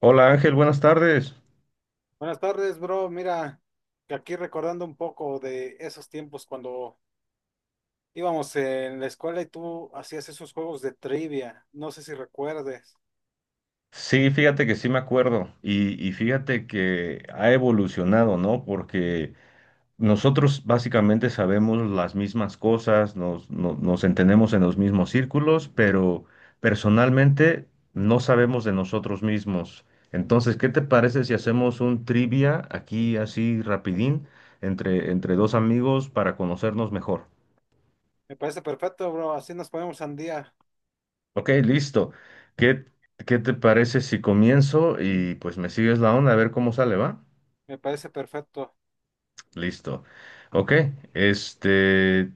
Hola Ángel, buenas tardes. Buenas tardes, bro. Mira, que aquí recordando un poco de esos tiempos cuando íbamos en la escuela y tú hacías esos juegos de trivia. No sé si recuerdes. Sí, fíjate que sí me acuerdo y fíjate que ha evolucionado, ¿no? Porque nosotros básicamente sabemos las mismas cosas, nos, no- nos entendemos en los mismos círculos, pero personalmente no sabemos de nosotros mismos. Entonces, ¿qué te parece si hacemos un trivia aquí así rapidín entre dos amigos para conocernos mejor? Me parece perfecto, bro. Así nos ponemos al día. Ok, listo. ¿Qué, qué te parece si comienzo y pues me sigues la onda a ver cómo sale, va? Me parece perfecto. Listo. Ok, este,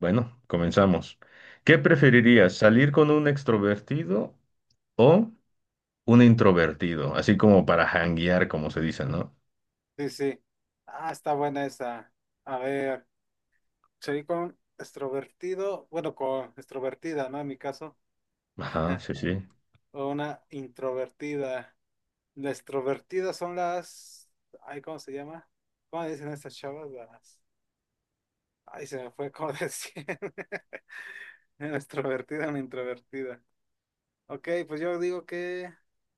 bueno, comenzamos. ¿Qué preferirías, salir con un extrovertido o un introvertido? Así como para janguear, como se dice, ¿no? Sí, sí. Ah, está buena esa. A ver, seguí con extrovertido. Bueno, con extrovertida, ¿no? En mi caso. Ajá, sí, sí. O una introvertida. Las extrovertidas son las... Ay, ¿cómo se llama? ¿Cómo le dicen a estas chavas? Las... Ay, se me fue como decir. Era extrovertida, una introvertida. Ok, pues yo digo que.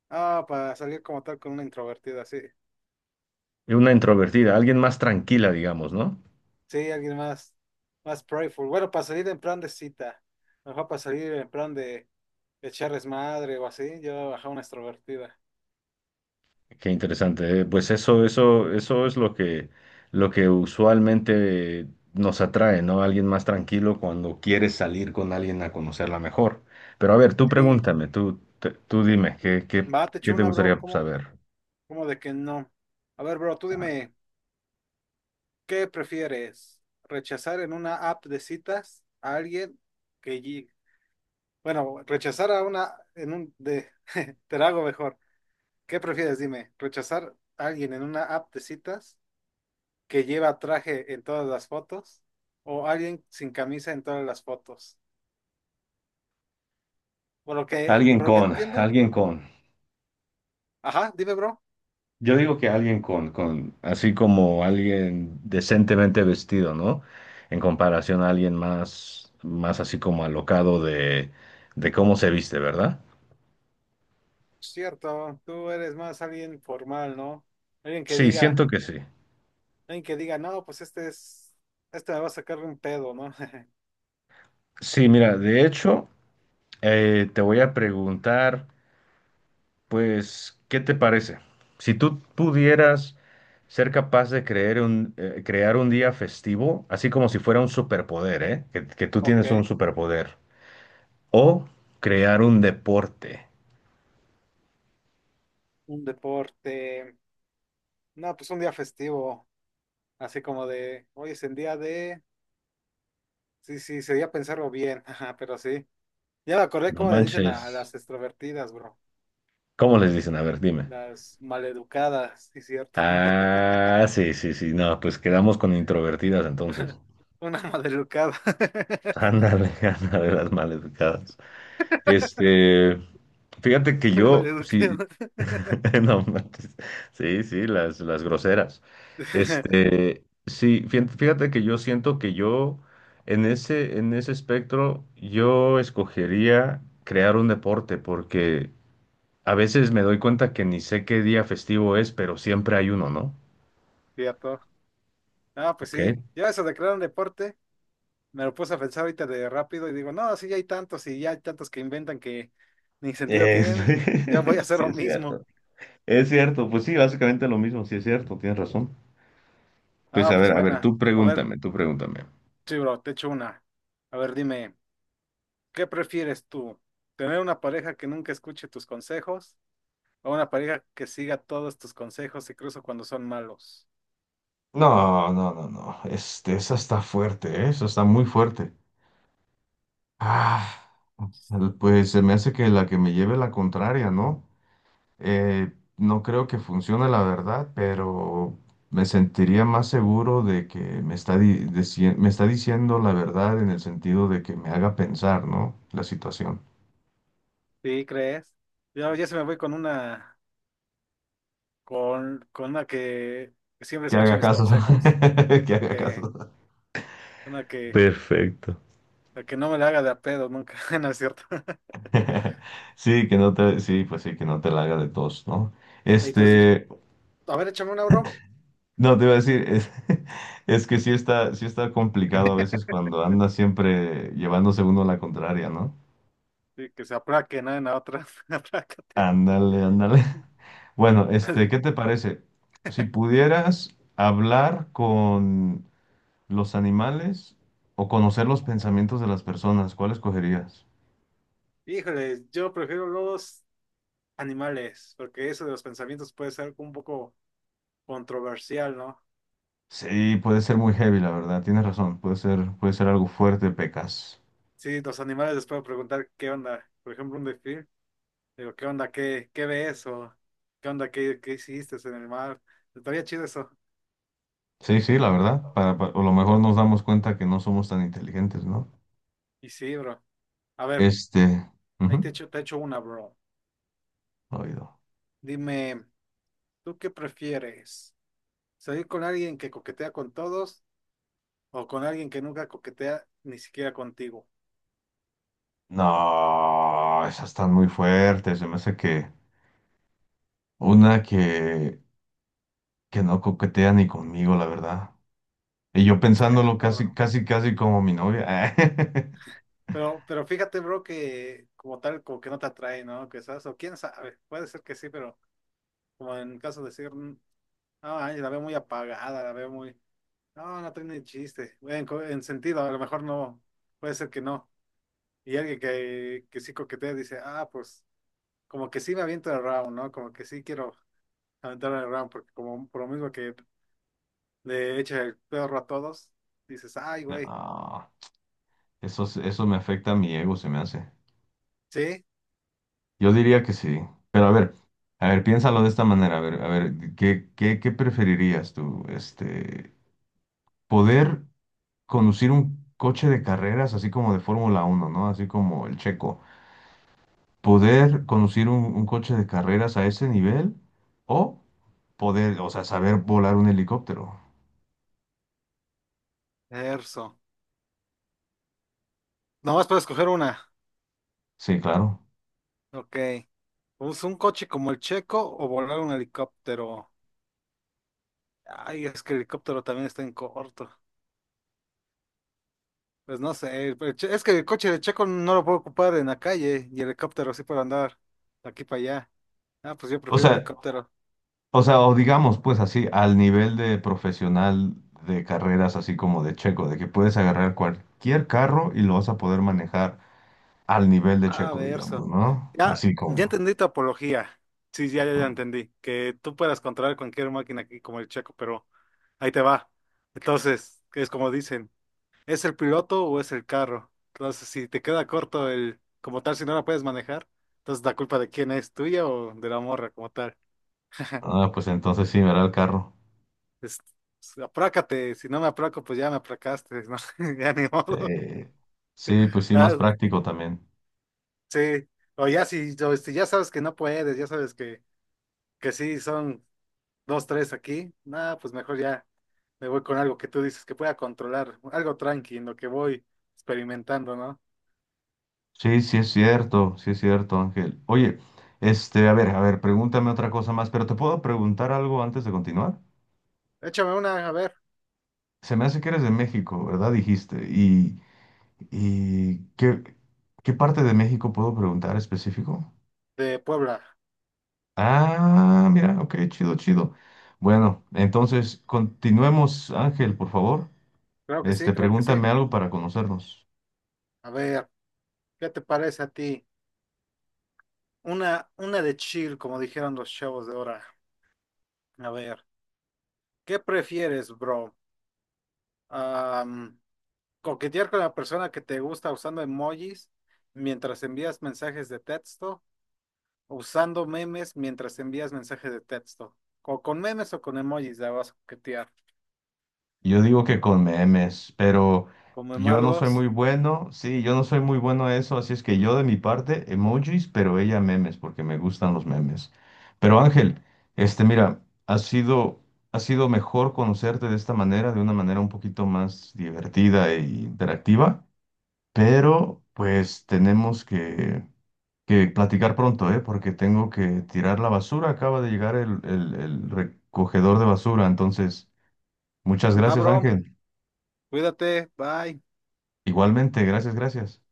Ah, para salir como tal con una introvertida, sí. Y una introvertida, alguien más tranquila, digamos, ¿no? Sí, alguien más, más playful. Bueno, para salir en plan de cita. Mejor para salir en plan de echar desmadre o así. Yo bajar una extrovertida. Qué interesante. Pues eso es lo que usualmente nos atrae, ¿no? Alguien más tranquilo cuando quieres salir con alguien a conocerla mejor. Pero a ver, tú Sí. pregúntame, tú dime, Va, te ¿qué echo te una, bro. gustaría ¿Cómo, saber? cómo de que no? A ver, bro, tú Ah, dime, ¿qué prefieres? ¿Rechazar en una app de citas a alguien que, Bueno, rechazar a una en un de te la hago mejor. ¿Qué prefieres? Dime, rechazar a alguien en una app de citas que lleva traje en todas las fotos o alguien sin camisa en todas las fotos. Por lo que, Alguien por lo que con, entiendo, alguien con. ajá, dime, bro. Yo digo que así como alguien decentemente vestido, ¿no? En comparación a alguien más, más así como alocado de cómo se viste, ¿verdad? Cierto, tú eres más alguien formal, ¿no? Alguien que Sí, diga, siento que sí. alguien que diga, no, pues este es, este me va a sacar un pedo, ¿no? Sí, mira, de hecho, te voy a preguntar, pues, ¿qué te parece? Si tú pudieras ser capaz de crear un día festivo, así como si fuera un superpoder, ¿eh? Que tú Ok, tienes un superpoder. O crear un deporte. un deporte, no, pues un día festivo, así como de, hoy es el día de sí, sí, sería pensarlo bien, ajá, pero sí. Ya me acordé No cómo le dicen a manches. las extrovertidas, bro. ¿Cómo les dicen? A ver, dime. Las maleducadas, sí, cierto. Ah, sí, sí, sí. No, pues quedamos con introvertidas entonces. Una maleducada. Ándale, ándale, las maleducadas. Este, fíjate que yo, si, Maleducada. No, manches. Sí, sí, las groseras. Sí, fíjate que yo siento que yo en ese espectro, yo escogería crear un deporte, porque a veces me doy cuenta que ni sé qué día festivo es, pero siempre hay uno, ¿no? Cierto. Ah, pues Ok. sí. Yo eso de crear un deporte, me lo puse a pensar ahorita de rápido y digo, no, sí, ya hay tantos y ya hay tantos que inventan que ni sentido Eh, tienen. Ya voy a hacer sí, lo es mismo. cierto. Es cierto, pues sí, básicamente lo mismo, sí es cierto, tienes razón. Pues Ah, pues a ver, bueno. tú A ver, pregúntame, tú pregúntame. sí, bro, te echo una. A ver, dime. ¿Qué prefieres tú? ¿Tener una pareja que nunca escuche tus consejos o una pareja que siga todos tus consejos, incluso cuando son malos? No, no, no, no. Esa está fuerte, ¿eh? Esa está muy fuerte. Ah, pues se me hace que la que me lleve la contraria, ¿no? Eh, no creo que funcione la verdad, pero me sentiría más seguro de que me está diciendo la verdad en el sentido de que me haga pensar, ¿no? La situación. ¿Sí crees? Yo ya se me voy con una, con una que siempre Que escuche haga mis caso. consejos. Que haga Sí, caso. una que, Perfecto. la que no me la haga de a pedo nunca, ¿no es cierto? Sí, que no te, sí, pues sí, que no te la haga de tos, ¿no? Y pues, Este. a ver, échame una, bro. No, te iba a decir, es, es que sí está complicado a veces cuando anda siempre llevándose uno la contraria, ¿no? Sí, que se aplaque, ¿no? En la otra, aplácate. Ándale, ándale. Bueno, ¿qué te parece? Si pudieras hablar con los animales o conocer los pensamientos de las personas, ¿cuál escogerías? Híjole, yo prefiero los animales, porque eso de los pensamientos puede ser un poco controversial, ¿no? Sí, puede ser muy heavy, la verdad, tienes razón, puede ser algo fuerte, pecas. Sí, los animales les puedo preguntar qué onda, por ejemplo, un delfín, digo, ¿qué onda? ¿Qué ves? O ¿qué onda? ¿Qué hiciste en el mar? Estaría chido eso. Sí, sí, la verdad, a lo mejor nos damos cuenta que no somos tan inteligentes, ¿no? Y sí, bro. A ver, Este, ahí ujú. Te echo una, bro. Oído. Dime, ¿tú qué prefieres? ¿Salir con alguien que coquetea con todos o con alguien que nunca coquetea ni siquiera contigo? No, esas están muy fuertes. Se me hace que una que no coquetea ni conmigo, la verdad. Y yo pensándolo Cierto, casi, bro. casi, casi como mi novia. Pero fíjate, bro, que como tal, como que no te atrae, ¿no? Quizás, o quién sabe, puede ser que sí, pero como en caso de decir, no, ay, la veo muy apagada, la veo muy. No, no tiene chiste. En, co- en sentido, a lo mejor no. Puede ser que no. Y alguien que sí coquetea dice, ah, pues, como que sí me aviento el round, ¿no? Como que sí quiero aventar el round, porque como por lo mismo que le echa el perro a todos, dices, ay, güey. No, eso me afecta a mi ego, se me hace. Sí, Yo diría que sí. Pero a ver, piénsalo de esta manera. A ver, ¿qué preferirías tú? Poder conducir un coche de carreras así como de Fórmula uno, ¿no? Así como el Checo. Poder conducir un coche de carreras a ese nivel o poder, o sea, saber volar un helicóptero. Erso. Nomás puedo escoger una. Sí, claro. Ok. ¿Usa un coche como el Checo o volar un helicóptero? Ay, es que el helicóptero también está en corto. Pues no sé, pues, che- es que el coche de Checo no lo puedo ocupar en la calle y el helicóptero sí para andar de aquí para allá. Ah, pues yo O prefiero sea, helicóptero. O digamos, pues así, al nivel de profesional de carreras, así como de Checo, de que puedes agarrar cualquier carro y lo vas a poder manejar al nivel de Ah, Checo, digamos, verso. ¿no? Ya, Así ya como. entendí tu apología. Sí, ya ¿No? entendí. Que tú puedas controlar cualquier máquina aquí como el Checo, pero ahí te va. Entonces, es como dicen, ¿es el piloto o es el carro? Entonces, si te queda corto el, como tal, si no la puedes manejar, entonces la culpa de quién es, tuya o de la morra como tal. Ah, pues entonces sí, verá el carro. es- pues, aprácate, si no me aplaco, pues ya me apracaste, ¿no? Ya ni modo. Eh, sí, pues sí, más Ah, práctico también. sí, o ya si, o si ya sabes que no puedes, ya sabes que sí son dos, tres aquí, nada, pues mejor ya me voy con algo que tú dices que pueda controlar, algo tranqui en lo que voy experimentando, ¿no? Sí, sí es cierto, Ángel. Oye, a ver, pregúntame otra cosa más, pero ¿te puedo preguntar algo antes de continuar? Échame una, a ver, Se me hace que eres de México, ¿verdad? Dijiste. Y qué, ¿qué parte de México puedo preguntar específico? de Puebla. Ah, mira, ok, chido, chido. Bueno, entonces continuemos, Ángel, por favor. Creo que sí, creo que sí. Pregúntame algo para conocernos. A ver, ¿qué te parece a ti? Una de chill, como dijeron los chavos de ahora. A ver, ¿qué prefieres, bro? Ah, coquetear con la persona que te gusta usando emojis mientras envías mensajes de texto, usando memes mientras envías mensajes de texto. O con memes o con emojis la vas a coquetear. Yo digo que con memes, pero Con yo no soy memardos. muy bueno, sí, yo no soy muy bueno a eso, así es que yo de mi parte, emojis, pero ella memes, porque me gustan los memes. Pero Ángel, mira, ha sido mejor conocerte de esta manera, de una manera un poquito más divertida e interactiva, pero pues tenemos que platicar pronto, ¿eh? Porque tengo que tirar la basura, acaba de llegar el recogedor de basura, entonces, muchas Va, gracias, bro. Ángel. Cuídate. Bye. Igualmente, gracias, gracias.